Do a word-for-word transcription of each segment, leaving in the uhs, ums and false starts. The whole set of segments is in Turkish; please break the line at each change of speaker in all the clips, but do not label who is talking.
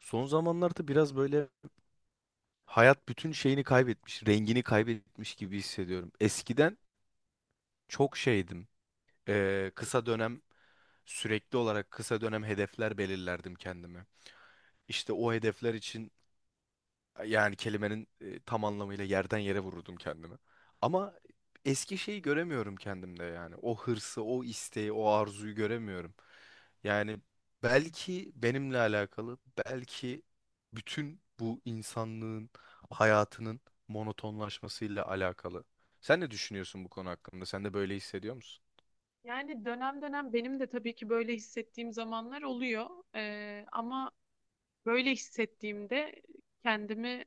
Son zamanlarda biraz böyle hayat bütün şeyini kaybetmiş, rengini kaybetmiş gibi hissediyorum. Eskiden çok şeydim. Ee, kısa dönem sürekli olarak kısa dönem hedefler belirlerdim kendime. İşte o hedefler için yani kelimenin e, tam anlamıyla yerden yere vururdum kendimi. Ama eski şeyi göremiyorum kendimde yani. O hırsı, o isteği, o arzuyu göremiyorum. Yani belki benimle alakalı, belki bütün bu insanlığın hayatının monotonlaşmasıyla alakalı. Sen ne düşünüyorsun bu konu hakkında? Sen de böyle hissediyor musun?
Yani dönem dönem benim de tabii ki böyle hissettiğim zamanlar oluyor. Ee, ama böyle hissettiğimde kendimi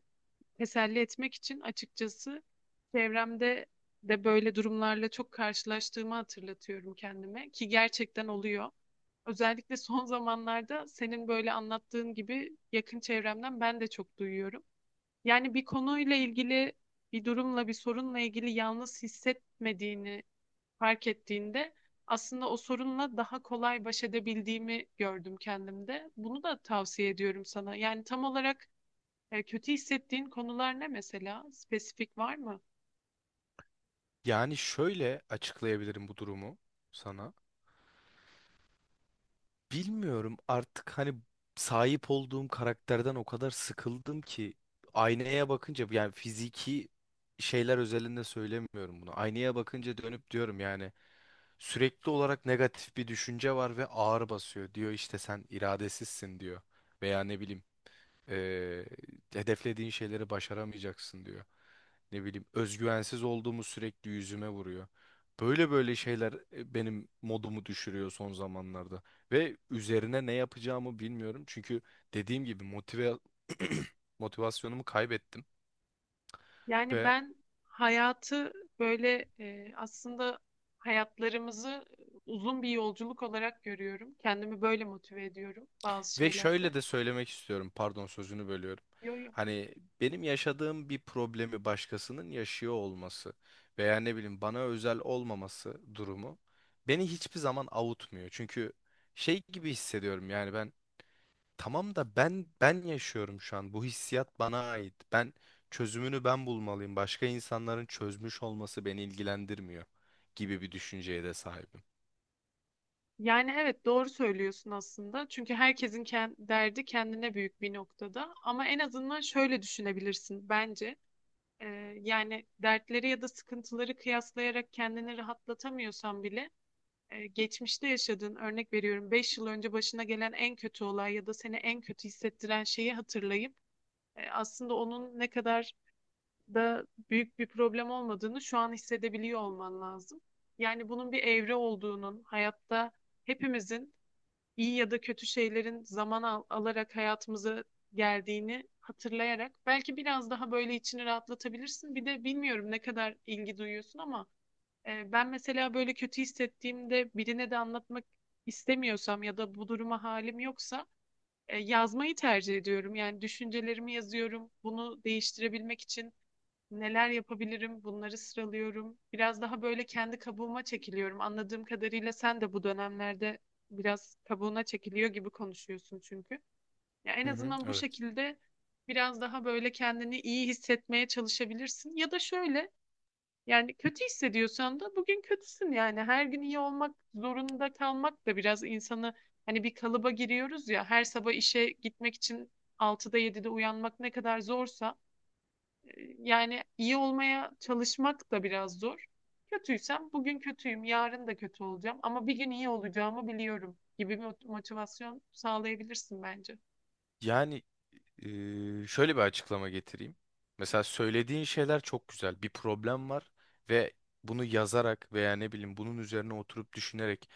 teselli etmek için açıkçası çevremde de böyle durumlarla çok karşılaştığımı hatırlatıyorum kendime ki gerçekten oluyor. Özellikle son zamanlarda senin böyle anlattığın gibi yakın çevremden ben de çok duyuyorum. Yani bir konuyla ilgili, bir durumla, bir sorunla ilgili yalnız hissetmediğini fark ettiğinde aslında o sorunla daha kolay baş edebildiğimi gördüm kendimde. Bunu da tavsiye ediyorum sana. Yani tam olarak e, kötü hissettiğin konular ne mesela? Spesifik var mı?
Yani şöyle açıklayabilirim bu durumu sana. Bilmiyorum artık hani sahip olduğum karakterden o kadar sıkıldım ki aynaya bakınca yani fiziki şeyler özelinde söylemiyorum bunu. Aynaya bakınca dönüp diyorum yani sürekli olarak negatif bir düşünce var ve ağır basıyor. Diyor işte sen iradesizsin diyor veya ne bileyim ee, hedeflediğin şeyleri başaramayacaksın diyor. Ne bileyim özgüvensiz olduğumu sürekli yüzüme vuruyor. Böyle böyle şeyler e, benim modumu düşürüyor son zamanlarda. Ve üzerine ne yapacağımı bilmiyorum. Çünkü dediğim gibi motive motivasyonumu kaybettim.
Yani
Ve
ben hayatı böyle e, aslında hayatlarımızı uzun bir yolculuk olarak görüyorum. Kendimi böyle motive ediyorum bazı
Ve şöyle
şeylerde.
de söylemek istiyorum. Pardon sözünü bölüyorum.
Yo, yo.
Hani benim yaşadığım bir problemi başkasının yaşıyor olması veya ne bileyim bana özel olmaması durumu beni hiçbir zaman avutmuyor. Çünkü şey gibi hissediyorum yani ben tamam da ben ben yaşıyorum şu an. Bu hissiyat bana ait. Ben çözümünü ben bulmalıyım. Başka insanların çözmüş olması beni ilgilendirmiyor gibi bir düşünceye de sahibim.
Yani evet doğru söylüyorsun aslında. Çünkü herkesin ken- derdi kendine büyük bir noktada. Ama en azından şöyle düşünebilirsin bence. Ee, yani dertleri ya da sıkıntıları kıyaslayarak kendini rahatlatamıyorsan bile e, geçmişte yaşadığın örnek veriyorum beş yıl önce başına gelen en kötü olay ya da seni en kötü hissettiren şeyi hatırlayıp e, aslında onun ne kadar da büyük bir problem olmadığını şu an hissedebiliyor olman lazım. Yani bunun bir evre olduğunun hayatta hepimizin iyi ya da kötü şeylerin zaman al- alarak hayatımıza geldiğini hatırlayarak belki biraz daha böyle içini rahatlatabilirsin. Bir de bilmiyorum ne kadar ilgi duyuyorsun ama e, ben mesela böyle kötü hissettiğimde birine de anlatmak istemiyorsam ya da bu duruma halim yoksa e, yazmayı tercih ediyorum. Yani düşüncelerimi yazıyorum. Bunu değiştirebilmek için neler yapabilirim? Bunları sıralıyorum. Biraz daha böyle kendi kabuğuma çekiliyorum. Anladığım kadarıyla sen de bu dönemlerde biraz kabuğuna çekiliyor gibi konuşuyorsun çünkü. Ya en
Hı hı,
azından bu
evet.
şekilde biraz daha böyle kendini iyi hissetmeye çalışabilirsin. Ya da şöyle yani kötü hissediyorsan da bugün kötüsün yani. Her gün iyi olmak zorunda kalmak da biraz insanı hani bir kalıba giriyoruz ya. Her sabah işe gitmek için altıda yedide uyanmak ne kadar zorsa yani iyi olmaya çalışmak da biraz zor. Kötüysem bugün kötüyüm, yarın da kötü olacağım ama bir gün iyi olacağımı biliyorum gibi bir mot- motivasyon sağlayabilirsin bence.
Yani eee, şöyle bir açıklama getireyim. Mesela söylediğin şeyler çok güzel. Bir problem var ve bunu yazarak veya ne bileyim bunun üzerine oturup düşünerek,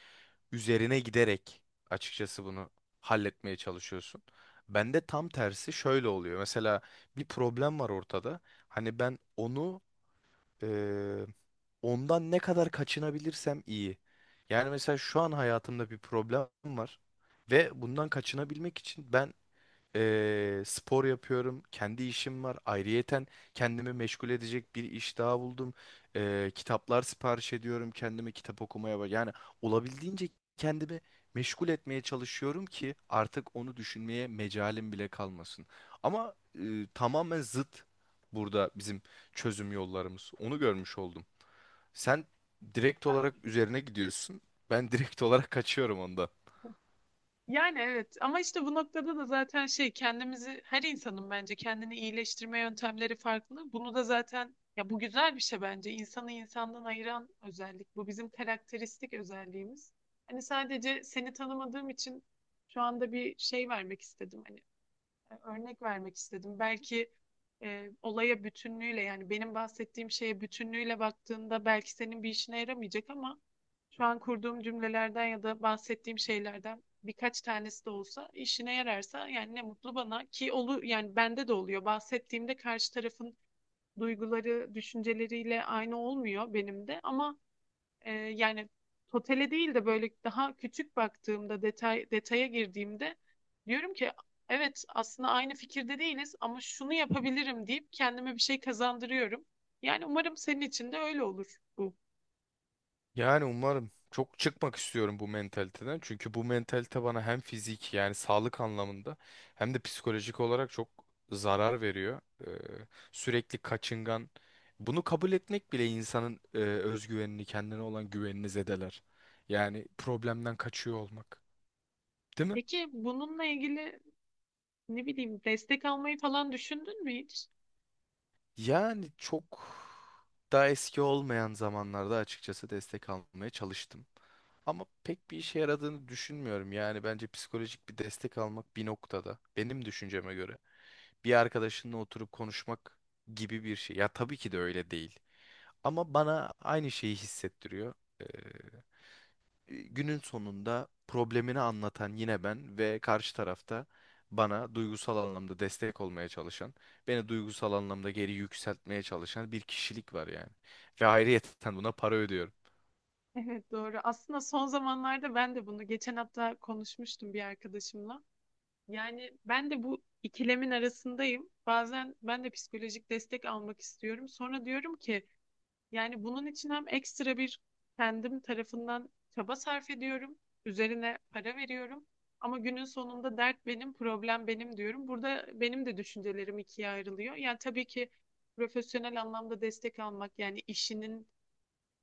üzerine giderek açıkçası bunu halletmeye çalışıyorsun. Bende tam tersi şöyle oluyor. Mesela bir problem var ortada. Hani ben onu eee, ondan ne kadar kaçınabilirsem iyi. Yani mesela şu an hayatımda bir problem var ve bundan kaçınabilmek için ben Eee, spor yapıyorum. Kendi işim var. Ayrıyeten kendimi meşgul edecek bir iş daha buldum. Eee, kitaplar sipariş ediyorum. Kendime kitap okumaya bak. Yani olabildiğince kendimi meşgul etmeye çalışıyorum ki artık onu düşünmeye mecalim bile kalmasın. Ama eee, tamamen zıt burada bizim çözüm yollarımız. Onu görmüş oldum. Sen direkt olarak üzerine gidiyorsun. Ben direkt olarak kaçıyorum onda.
Yani evet ama işte bu noktada da zaten şey kendimizi her insanın bence kendini iyileştirme yöntemleri farklı. Bunu da zaten ya bu güzel bir şey bence. İnsanı insandan ayıran özellik. Bu bizim karakteristik özelliğimiz. Hani sadece seni tanımadığım için şu anda bir şey vermek istedim. Hani örnek vermek istedim. Belki e, olaya bütünlüğüyle yani benim bahsettiğim şeye bütünlüğüyle baktığında belki senin bir işine yaramayacak ama şu an kurduğum cümlelerden ya da bahsettiğim şeylerden birkaç tanesi de olsa işine yararsa yani ne mutlu bana ki olu yani bende de oluyor. Bahsettiğimde karşı tarafın duyguları, düşünceleriyle aynı olmuyor benim de ama e, yani totele değil de böyle daha küçük baktığımda detay detaya girdiğimde diyorum ki evet aslında aynı fikirde değiliz ama şunu yapabilirim deyip kendime bir şey kazandırıyorum. Yani umarım senin için de öyle olur bu.
Yani umarım çok çıkmak istiyorum bu mentaliteden. Çünkü bu mentalite bana hem fizik yani sağlık anlamında hem de psikolojik olarak çok zarar veriyor. Ee, sürekli kaçıngan. Bunu kabul etmek bile insanın e, özgüvenini, kendine olan güvenini zedeler. Yani problemden kaçıyor olmak. Değil mi?
Peki bununla ilgili ne bileyim destek almayı falan düşündün mü hiç?
Yani çok daha eski olmayan zamanlarda açıkçası destek almaya çalıştım. Ama pek bir işe yaradığını düşünmüyorum. Yani bence psikolojik bir destek almak bir noktada benim düşünceme göre bir arkadaşınla oturup konuşmak gibi bir şey. Ya tabii ki de öyle değil. Ama bana aynı şeyi hissettiriyor. e, günün sonunda problemini anlatan yine ben ve karşı tarafta bana duygusal anlamda destek olmaya çalışan, beni duygusal anlamda geri yükseltmeye çalışan bir kişilik var yani. Ve ayrıyeten buna para ödüyorum.
Evet doğru. Aslında son zamanlarda ben de bunu geçen hafta konuşmuştum bir arkadaşımla. Yani ben de bu ikilemin arasındayım. Bazen ben de psikolojik destek almak istiyorum. Sonra diyorum ki yani bunun için hem ekstra bir kendim tarafından çaba sarf ediyorum. Üzerine para veriyorum. Ama günün sonunda dert benim, problem benim diyorum. Burada benim de düşüncelerim ikiye ayrılıyor. Yani tabii ki profesyonel anlamda destek almak yani işinin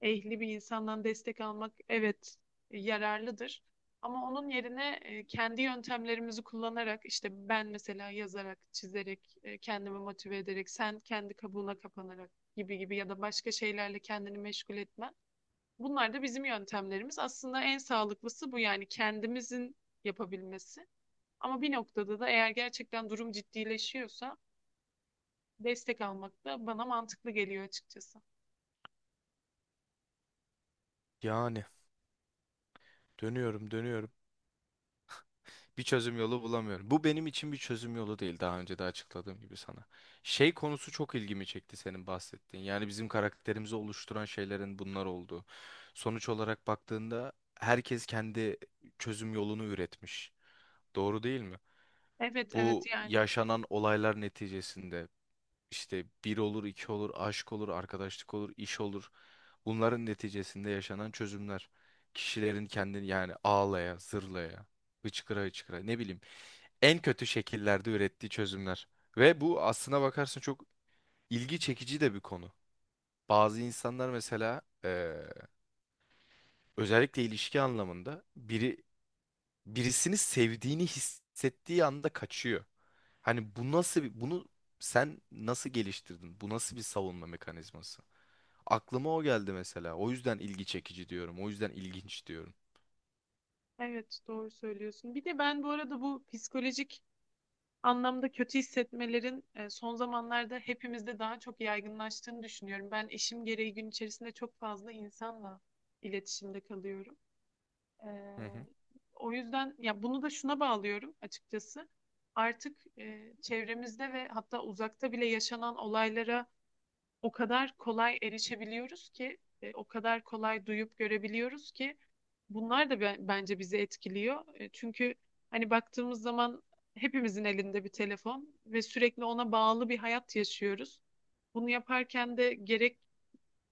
ehli bir insandan destek almak evet yararlıdır. Ama onun yerine e, kendi yöntemlerimizi kullanarak işte ben mesela yazarak, çizerek, e, kendimi motive ederek, sen kendi kabuğuna kapanarak gibi gibi ya da başka şeylerle kendini meşgul etmen. Bunlar da bizim yöntemlerimiz. Aslında en sağlıklısı bu yani kendimizin yapabilmesi. Ama bir noktada da eğer gerçekten durum ciddileşiyorsa destek almak da bana mantıklı geliyor açıkçası.
Yani dönüyorum dönüyorum. Bir çözüm yolu bulamıyorum. Bu benim için bir çözüm yolu değil daha önce de açıkladığım gibi sana. Şey konusu çok ilgimi çekti senin bahsettiğin. Yani bizim karakterimizi oluşturan şeylerin bunlar olduğu. Sonuç olarak baktığında herkes kendi çözüm yolunu üretmiş. Doğru değil mi?
Evet evet
Bu
yani.
yaşanan olaylar neticesinde işte bir olur, iki olur, aşk olur, arkadaşlık olur, iş olur. Bunların neticesinde yaşanan çözümler. Kişilerin kendini yani ağlaya, zırlaya, hıçkıra hıçkıra ne bileyim en kötü şekillerde ürettiği çözümler. Ve bu aslına bakarsın çok ilgi çekici de bir konu. Bazı insanlar mesela eee, özellikle ilişki anlamında biri birisini sevdiğini hissettiği anda kaçıyor. Hani bu nasıl bir, bunu sen nasıl geliştirdin? Bu nasıl bir savunma mekanizması? Aklıma o geldi mesela. O yüzden ilgi çekici diyorum. O yüzden ilginç diyorum.
Evet doğru söylüyorsun. Bir de ben bu arada bu psikolojik anlamda kötü hissetmelerin e, son zamanlarda hepimizde daha çok yaygınlaştığını düşünüyorum. Ben işim gereği gün içerisinde çok fazla insanla iletişimde kalıyorum. E,
Hı hı.
O yüzden ya bunu da şuna bağlıyorum açıkçası. Artık e, çevremizde ve hatta uzakta bile yaşanan olaylara o kadar kolay erişebiliyoruz ki, e, o kadar kolay duyup görebiliyoruz ki bunlar da be- bence bizi etkiliyor. E, çünkü hani baktığımız zaman hepimizin elinde bir telefon ve sürekli ona bağlı bir hayat yaşıyoruz. Bunu yaparken de gerek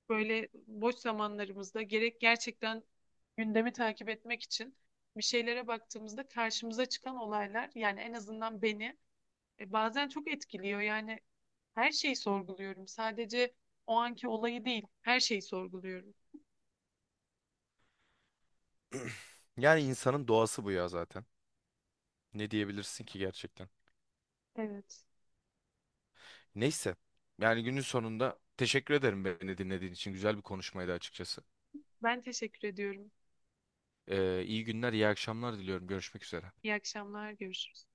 böyle boş zamanlarımızda gerek gerçekten gündemi takip etmek için bir şeylere baktığımızda karşımıza çıkan olaylar yani en azından beni e, bazen çok etkiliyor. Yani her şeyi sorguluyorum. Sadece o anki olayı değil, her şeyi sorguluyorum.
Yani insanın doğası bu ya zaten. Ne diyebilirsin ki gerçekten?
Evet.
Neyse. Yani günün sonunda teşekkür ederim beni dinlediğin için. Güzel bir konuşmaydı açıkçası.
Ben teşekkür ediyorum.
Ee, iyi günler, iyi akşamlar diliyorum. Görüşmek üzere.
İyi akşamlar, görüşürüz.